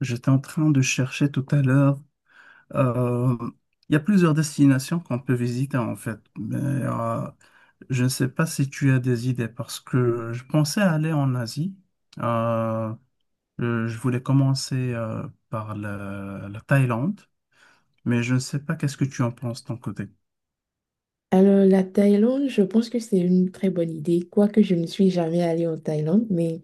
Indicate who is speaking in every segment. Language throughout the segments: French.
Speaker 1: J'étais en train de chercher tout à l'heure. Euh, il y a plusieurs destinations qu'on peut visiter en fait, mais je ne sais pas si tu as des idées parce que je pensais aller en Asie. Euh, je voulais commencer par la Thaïlande, mais je ne sais pas qu'est-ce que tu en penses de ton côté.
Speaker 2: Alors, la Thaïlande, je pense que c'est une très bonne idée, quoique je ne suis jamais allée en Thaïlande, mais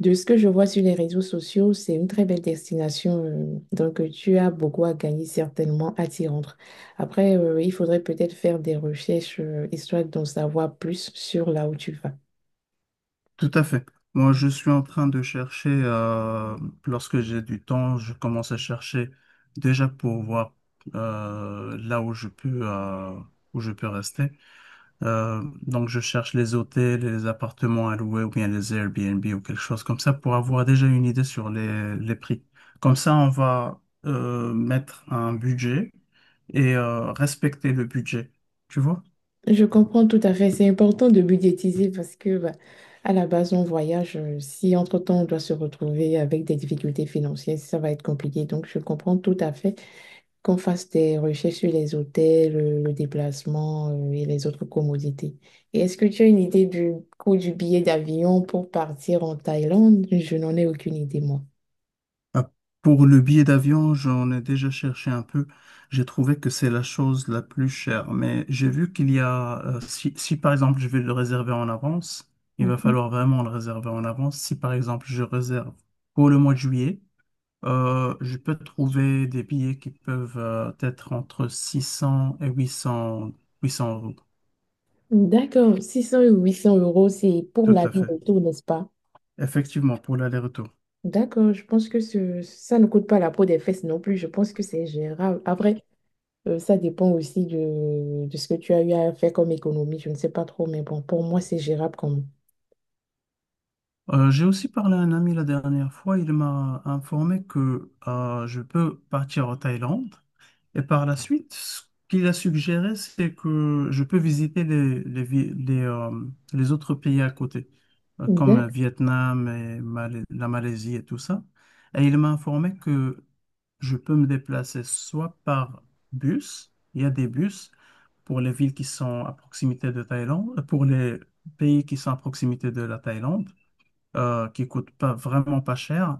Speaker 2: de ce que je vois sur les réseaux sociaux, c'est une très belle destination. Donc, tu as beaucoup à gagner certainement à t'y rendre. Après, il faudrait peut-être faire des recherches, histoire d'en savoir plus sur là où tu vas.
Speaker 1: Tout à fait. Moi, je suis en train de chercher, lorsque j'ai du temps, je commence à chercher déjà pour voir, là où où je peux rester. Donc, je cherche les hôtels, et les appartements à louer ou bien les Airbnb ou quelque chose comme ça pour avoir déjà une idée sur les prix. Comme ça, on va, mettre un budget et respecter le budget. Tu vois?
Speaker 2: Je comprends tout à fait, c'est important de budgétiser parce que, bah, à la base, on voyage. Si entre-temps, on doit se retrouver avec des difficultés financières, ça va être compliqué. Donc, je comprends tout à fait qu'on fasse des recherches sur les hôtels, le déplacement, et les autres commodités. Et est-ce que tu as une idée du coût du billet d'avion pour partir en Thaïlande? Je n'en ai aucune idée, moi.
Speaker 1: Ah, pour le billet d'avion, j'en ai déjà cherché un peu. J'ai trouvé que c'est la chose la plus chère. Mais j'ai vu qu'il y a, si par exemple je vais le réserver en avance, il va
Speaker 2: Mhm.
Speaker 1: falloir vraiment le réserver en avance. Si par exemple je réserve pour le mois de juillet, je peux trouver des billets qui peuvent, être entre 600 et huit cents euros.
Speaker 2: D'accord, 600 ou 800 euros, c'est pour
Speaker 1: Tout
Speaker 2: l'aller
Speaker 1: à
Speaker 2: et
Speaker 1: fait.
Speaker 2: retour, n'est-ce pas?
Speaker 1: Effectivement, pour l'aller-retour.
Speaker 2: D'accord, je pense que ça ne coûte pas la peau des fesses non plus. Je pense que c'est gérable. Après, ça dépend aussi de ce que tu as eu à faire comme économie. Je ne sais pas trop, mais bon, pour moi, c'est gérable quand même.
Speaker 1: J'ai aussi parlé à un ami la dernière fois. Il m'a informé que je peux partir en Thaïlande. Et par la suite, ce qu'il a suggéré, c'est que je peux visiter les autres pays à côté, comme
Speaker 2: D'ac-
Speaker 1: Vietnam et la Malaisie et tout ça. Et il m'a informé que je peux me déplacer soit par bus, il y a des bus pour les villes qui sont à proximité de Thaïlande, pour les pays qui sont à proximité de la Thaïlande, qui coûte pas vraiment pas cher,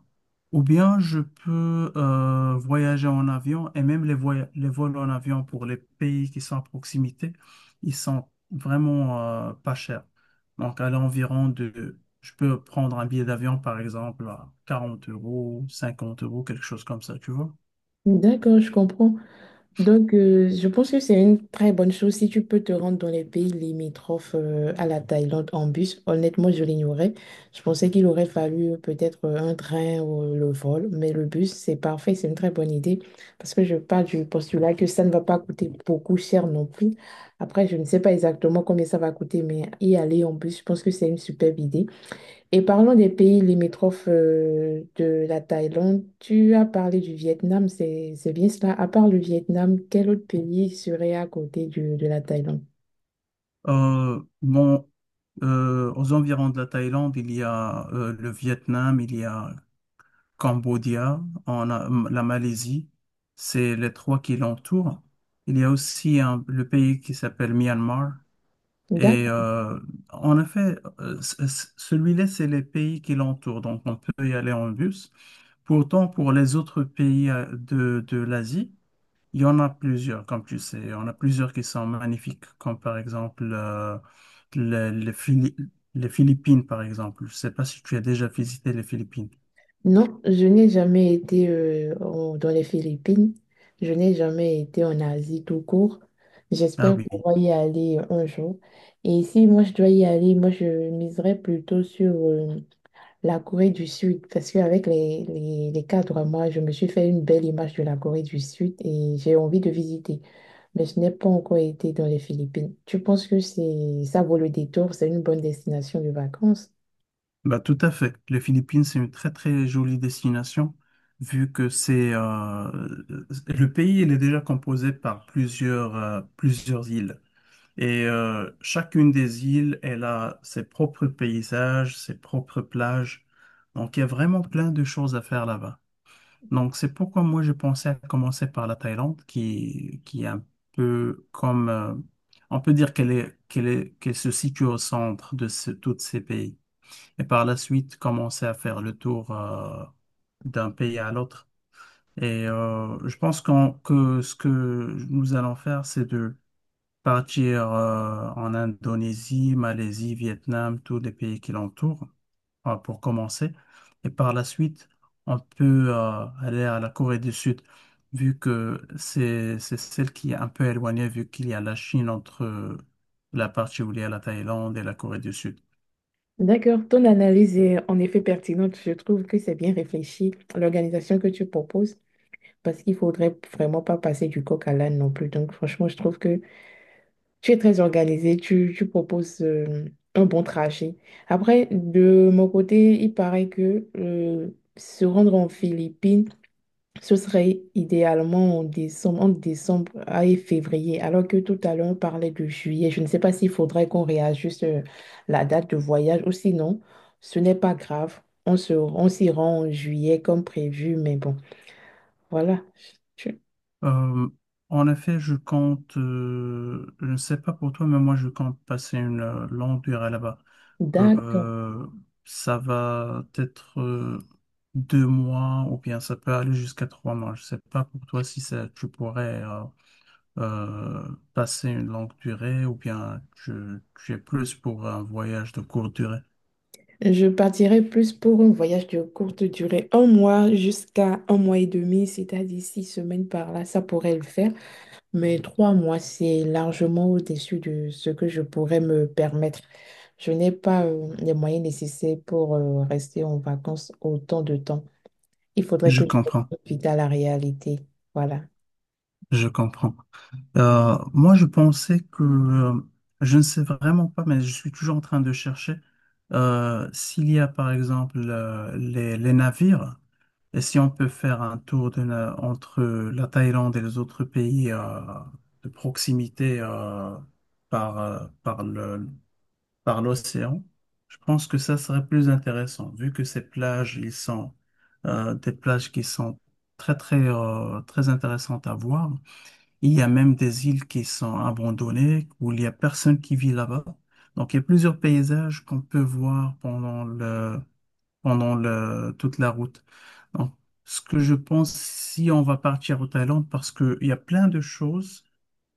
Speaker 1: ou bien je peux, voyager en avion et même les vols en avion pour les pays qui sont à proximité, ils sont vraiment, pas chers. Donc à l'environ de, je peux prendre un billet d'avion par exemple à 40 euros, 50 euros, quelque chose comme ça, tu vois.
Speaker 2: D'accord, je comprends. Donc, je pense que c'est une très bonne chose si tu peux te rendre dans les pays limitrophes, à la Thaïlande en bus. Honnêtement, je l'ignorais. Je pensais qu'il aurait fallu peut-être, un train ou le vol, mais le bus, c'est parfait, c'est une très bonne idée parce que je pars du postulat que ça ne va pas coûter beaucoup cher non plus. Après, je ne sais pas exactement combien ça va coûter, mais y aller en bus, je pense que c'est une superbe idée. Et parlons des pays limitrophes, de la Thaïlande. Tu as parlé du Vietnam, c'est bien cela. À part le Vietnam, quel autre pays serait à côté de la Thaïlande?
Speaker 1: Bon, aux environs de la Thaïlande, il y a le Vietnam, il y a Cambodia, en a la Malaisie, c'est les trois qui l'entourent. Il y a aussi le pays qui s'appelle Myanmar. Et
Speaker 2: D'accord.
Speaker 1: en effet, celui-là, c'est les pays qui l'entourent, donc on peut y aller en bus. Pourtant, pour les autres pays, de l'Asie, il y en a plusieurs, comme tu sais. Il y en a plusieurs qui sont magnifiques, comme par exemple, les, les Phili- les Philippines, par exemple. Je ne sais pas si tu as déjà visité les Philippines.
Speaker 2: Non, je n'ai jamais été, dans les Philippines. Je n'ai jamais été en Asie tout court.
Speaker 1: Ah
Speaker 2: J'espère
Speaker 1: oui.
Speaker 2: pouvoir y aller un jour. Et si moi je dois y aller, moi je miserais plutôt sur la Corée du Sud, parce qu'avec les cadres, moi, je me suis fait une belle image de la Corée du Sud et j'ai envie de visiter. Mais je n'ai pas encore été dans les Philippines. Tu penses que c'est ça vaut le détour, c'est une bonne destination de vacances?
Speaker 1: Bah, tout à fait. Les Philippines, c'est une très très jolie destination, vu que c'est, le pays, il est déjà composé par plusieurs îles. Et chacune des îles, elle a ses propres paysages, ses propres plages. Donc, il y a vraiment plein de choses à faire là-bas. Donc, c'est pourquoi moi, j'ai pensé à commencer par la Thaïlande, qui est un peu comme, on peut dire qu'elle se situe au centre de tous ces pays et par la suite commencer à faire le tour, d'un pays à l'autre. Et je pense que ce que nous allons faire, c'est de partir en Indonésie, Malaisie, Vietnam, tous les pays qui l'entourent, pour commencer. Et par la suite, on peut, aller à la Corée du Sud, vu que c'est celle qui est un peu éloignée, vu qu'il y a la Chine entre, la partie où il y a la Thaïlande et la Corée du Sud.
Speaker 2: D'accord, ton analyse est en effet pertinente. Je trouve que c'est bien réfléchi, l'organisation que tu proposes, parce qu'il faudrait vraiment pas passer du coq à l'âne non plus. Donc, franchement, je trouve que tu es très organisé, tu proposes, un bon trajet. Après, de mon côté, il paraît que, se rendre en Philippines, ce serait idéalement en décembre, entre décembre et février, alors que tout à l'heure, on parlait de juillet. Je ne sais pas s'il faudrait qu'on réajuste, la date de voyage ou sinon, ce n'est pas grave. On s'y rend en juillet comme prévu, mais bon, voilà. Tu-
Speaker 1: Euh, en effet, je compte, je ne sais pas pour toi, mais moi je compte passer une, longue durée là-bas.
Speaker 2: D'accord.
Speaker 1: Euh, ça va être 2 mois ou bien ça peut aller jusqu'à 3 mois. Je ne sais pas pour toi si ça, tu pourrais, euh, passer une longue durée ou bien tu es plus pour un voyage de courte durée.
Speaker 2: Je partirai plus pour un voyage de courte durée, un mois jusqu'à un mois et demi, c'est-à-dire six semaines par là, ça pourrait le faire. Mais trois mois, c'est largement au-dessus de ce que je pourrais me permettre. Je n'ai pas, les moyens nécessaires pour rester en vacances autant de temps. Il faudrait
Speaker 1: Je
Speaker 2: que je
Speaker 1: comprends,
Speaker 2: profite à la réalité. Voilà.
Speaker 1: je comprends. Moi, je pensais que, je ne sais vraiment pas, mais je suis toujours en train de chercher, s'il y a par exemple, les navires et si on peut faire un tour entre la Thaïlande et les autres pays, de proximité, par, euh, par le, par l'océan. Je pense que ça serait plus intéressant vu que ces plages, ils sont, des plages qui sont très très, très intéressantes à voir. Il y a même des îles qui sont abandonnées, où il n'y a personne qui vit là-bas. Donc, il y a plusieurs paysages qu'on peut voir pendant le, toute la route. Donc, ce que je pense, si on va partir au Thaïlande, parce qu'il y a plein de choses,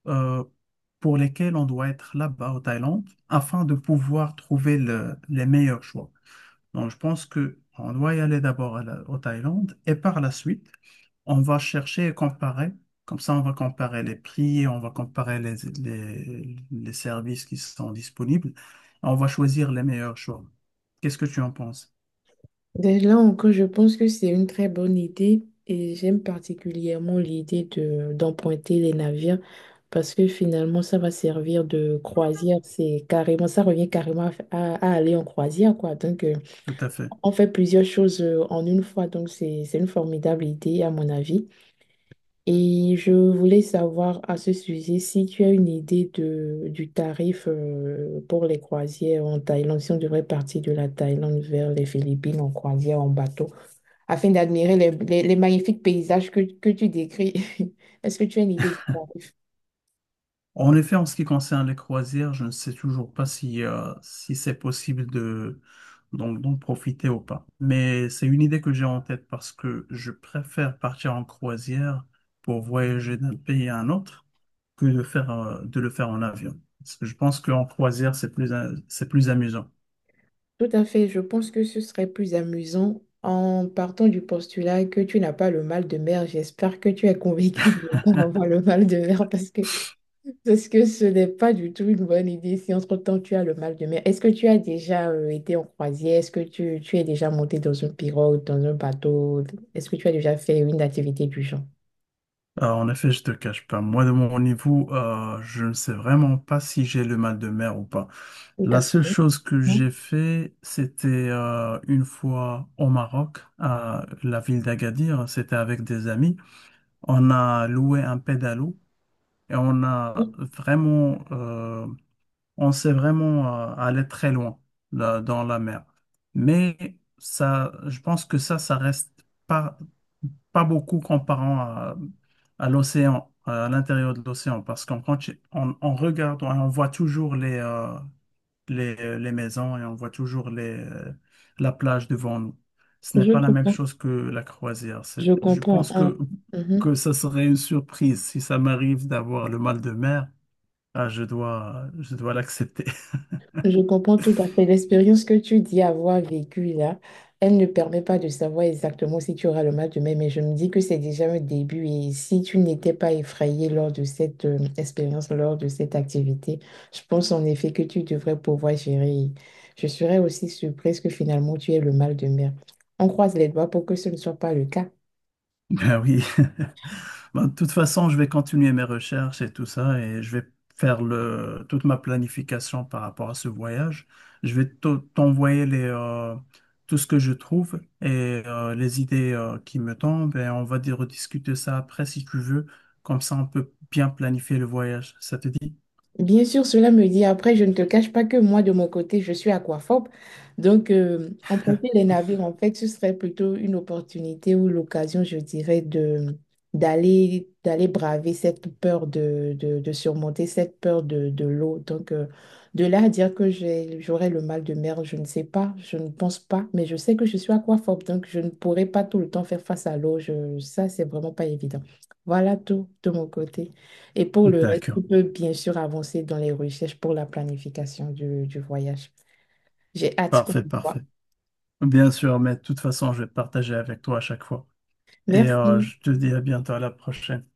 Speaker 1: euh, pour lesquelles on doit être là-bas au Thaïlande afin de pouvoir trouver les meilleurs choix. Donc, je pense que on doit y aller d'abord à au Thaïlande et par la suite, on va chercher et comparer. Comme ça, on va comparer les prix, on va comparer les services qui sont disponibles. On va choisir les meilleurs choix. Qu'est-ce que tu en penses?
Speaker 2: Ben là encore, je pense que c'est une très bonne idée et j'aime particulièrement l'idée de d'emprunter les navires parce que finalement ça va servir de croisière. C'est carrément, ça revient carrément à, f- à aller en croisière quoi. Donc,
Speaker 1: Tout à fait.
Speaker 2: on fait plusieurs choses, en une fois. Donc, c'est une formidable idée à mon avis. Et je voulais savoir à ce sujet si tu as une idée de du tarif, pour les croisières en Thaïlande, si on devrait partir de la Thaïlande vers les Philippines en croisière en bateau afin d'admirer les magnifiques paysages que tu décris. Est-ce que tu as une idée du tarif?
Speaker 1: En effet, en ce qui concerne les croisières, je ne sais toujours pas si c'est possible de, d'en d'en profiter ou pas. Mais c'est une idée que j'ai en tête parce que je préfère partir en croisière pour voyager d'un pays à un autre que de de le faire en avion. Parce que je pense qu'en croisière, c'est c'est plus amusant.
Speaker 2: Tout à fait, je pense que ce serait plus amusant en partant du postulat que tu n'as pas le mal de mer. J'espère que tu es convaincu de ne pas avoir le mal de mer parce que, parce que ce n'est pas du tout une bonne idée si entre-temps tu as le mal de mer. Est-ce que tu as déjà été en croisière? Est-ce que tu es déjà monté dans une pirogue, dans un bateau? Est-ce que tu as déjà fait une activité du genre?
Speaker 1: En effet, je te cache pas. Moi, de mon niveau, je ne sais vraiment pas si j'ai le mal de mer ou pas.
Speaker 2: Tout
Speaker 1: La
Speaker 2: à
Speaker 1: seule
Speaker 2: fait.
Speaker 1: chose que
Speaker 2: Mhm.
Speaker 1: j'ai fait, c'était, une fois au Maroc, à la ville d'Agadir. C'était avec des amis. On a loué un pédalo et on a vraiment, on sait vraiment, aller très loin là, dans la mer. Mais ça, je pense que ça reste pas, beaucoup comparant à l'océan, à l'intérieur de l'océan, parce on regarde, on voit toujours les maisons et on voit toujours la plage devant nous. Ce n'est
Speaker 2: Je
Speaker 1: pas la même
Speaker 2: comprends.
Speaker 1: chose que la croisière. C'est,
Speaker 2: Je
Speaker 1: je
Speaker 2: comprends,
Speaker 1: pense
Speaker 2: hein.
Speaker 1: que,
Speaker 2: Mhm.
Speaker 1: que ça serait une surprise si ça m'arrive d'avoir le mal de mer. Ah, je dois l'accepter.
Speaker 2: Je comprends tout à fait. L'expérience que tu dis avoir vécue là, elle ne permet pas de savoir exactement si tu auras le mal demain, mais je me dis que c'est déjà un début. Et si tu n'étais pas effrayé lors de cette, expérience, lors de cette activité, je pense en effet que tu devrais pouvoir gérer. Je serais aussi surprise que finalement tu aies le mal de mer. On croise les doigts pour que ce ne soit pas le cas.
Speaker 1: Ben oui. Bon, de toute façon, je vais continuer mes recherches et tout ça et je vais toute ma planification par rapport à ce voyage. Je vais t'envoyer tout ce que je trouve et les idées, qui me tombent et on va dire rediscuter ça après si tu veux. Comme ça, on peut bien planifier le voyage. Ça te dit?
Speaker 2: Bien sûr, cela me dit, après, je ne te cache pas que moi, de mon côté, je suis aquaphobe. Donc, emprunter les navires, en fait, ce serait plutôt une opportunité ou l'occasion, je dirais, de d'aller d'aller braver cette peur de surmonter cette peur de l'eau. Donc, de là à dire que j'aurais le mal de mer, je ne sais pas, je ne pense pas, mais je sais que je suis aquaphobe, donc je ne pourrais pas tout le temps faire face à l'eau. Ça, c'est vraiment pas évident. Voilà tout de mon côté. Et pour le reste, tu
Speaker 1: D'accord.
Speaker 2: peux bien sûr avancer dans les recherches pour la planification du voyage. J'ai hâte qu'on
Speaker 1: Parfait,
Speaker 2: se
Speaker 1: parfait.
Speaker 2: voit.
Speaker 1: Bien sûr, mais de toute façon, je vais partager avec toi à chaque fois. Et
Speaker 2: Merci.
Speaker 1: je te dis à bientôt, à la prochaine.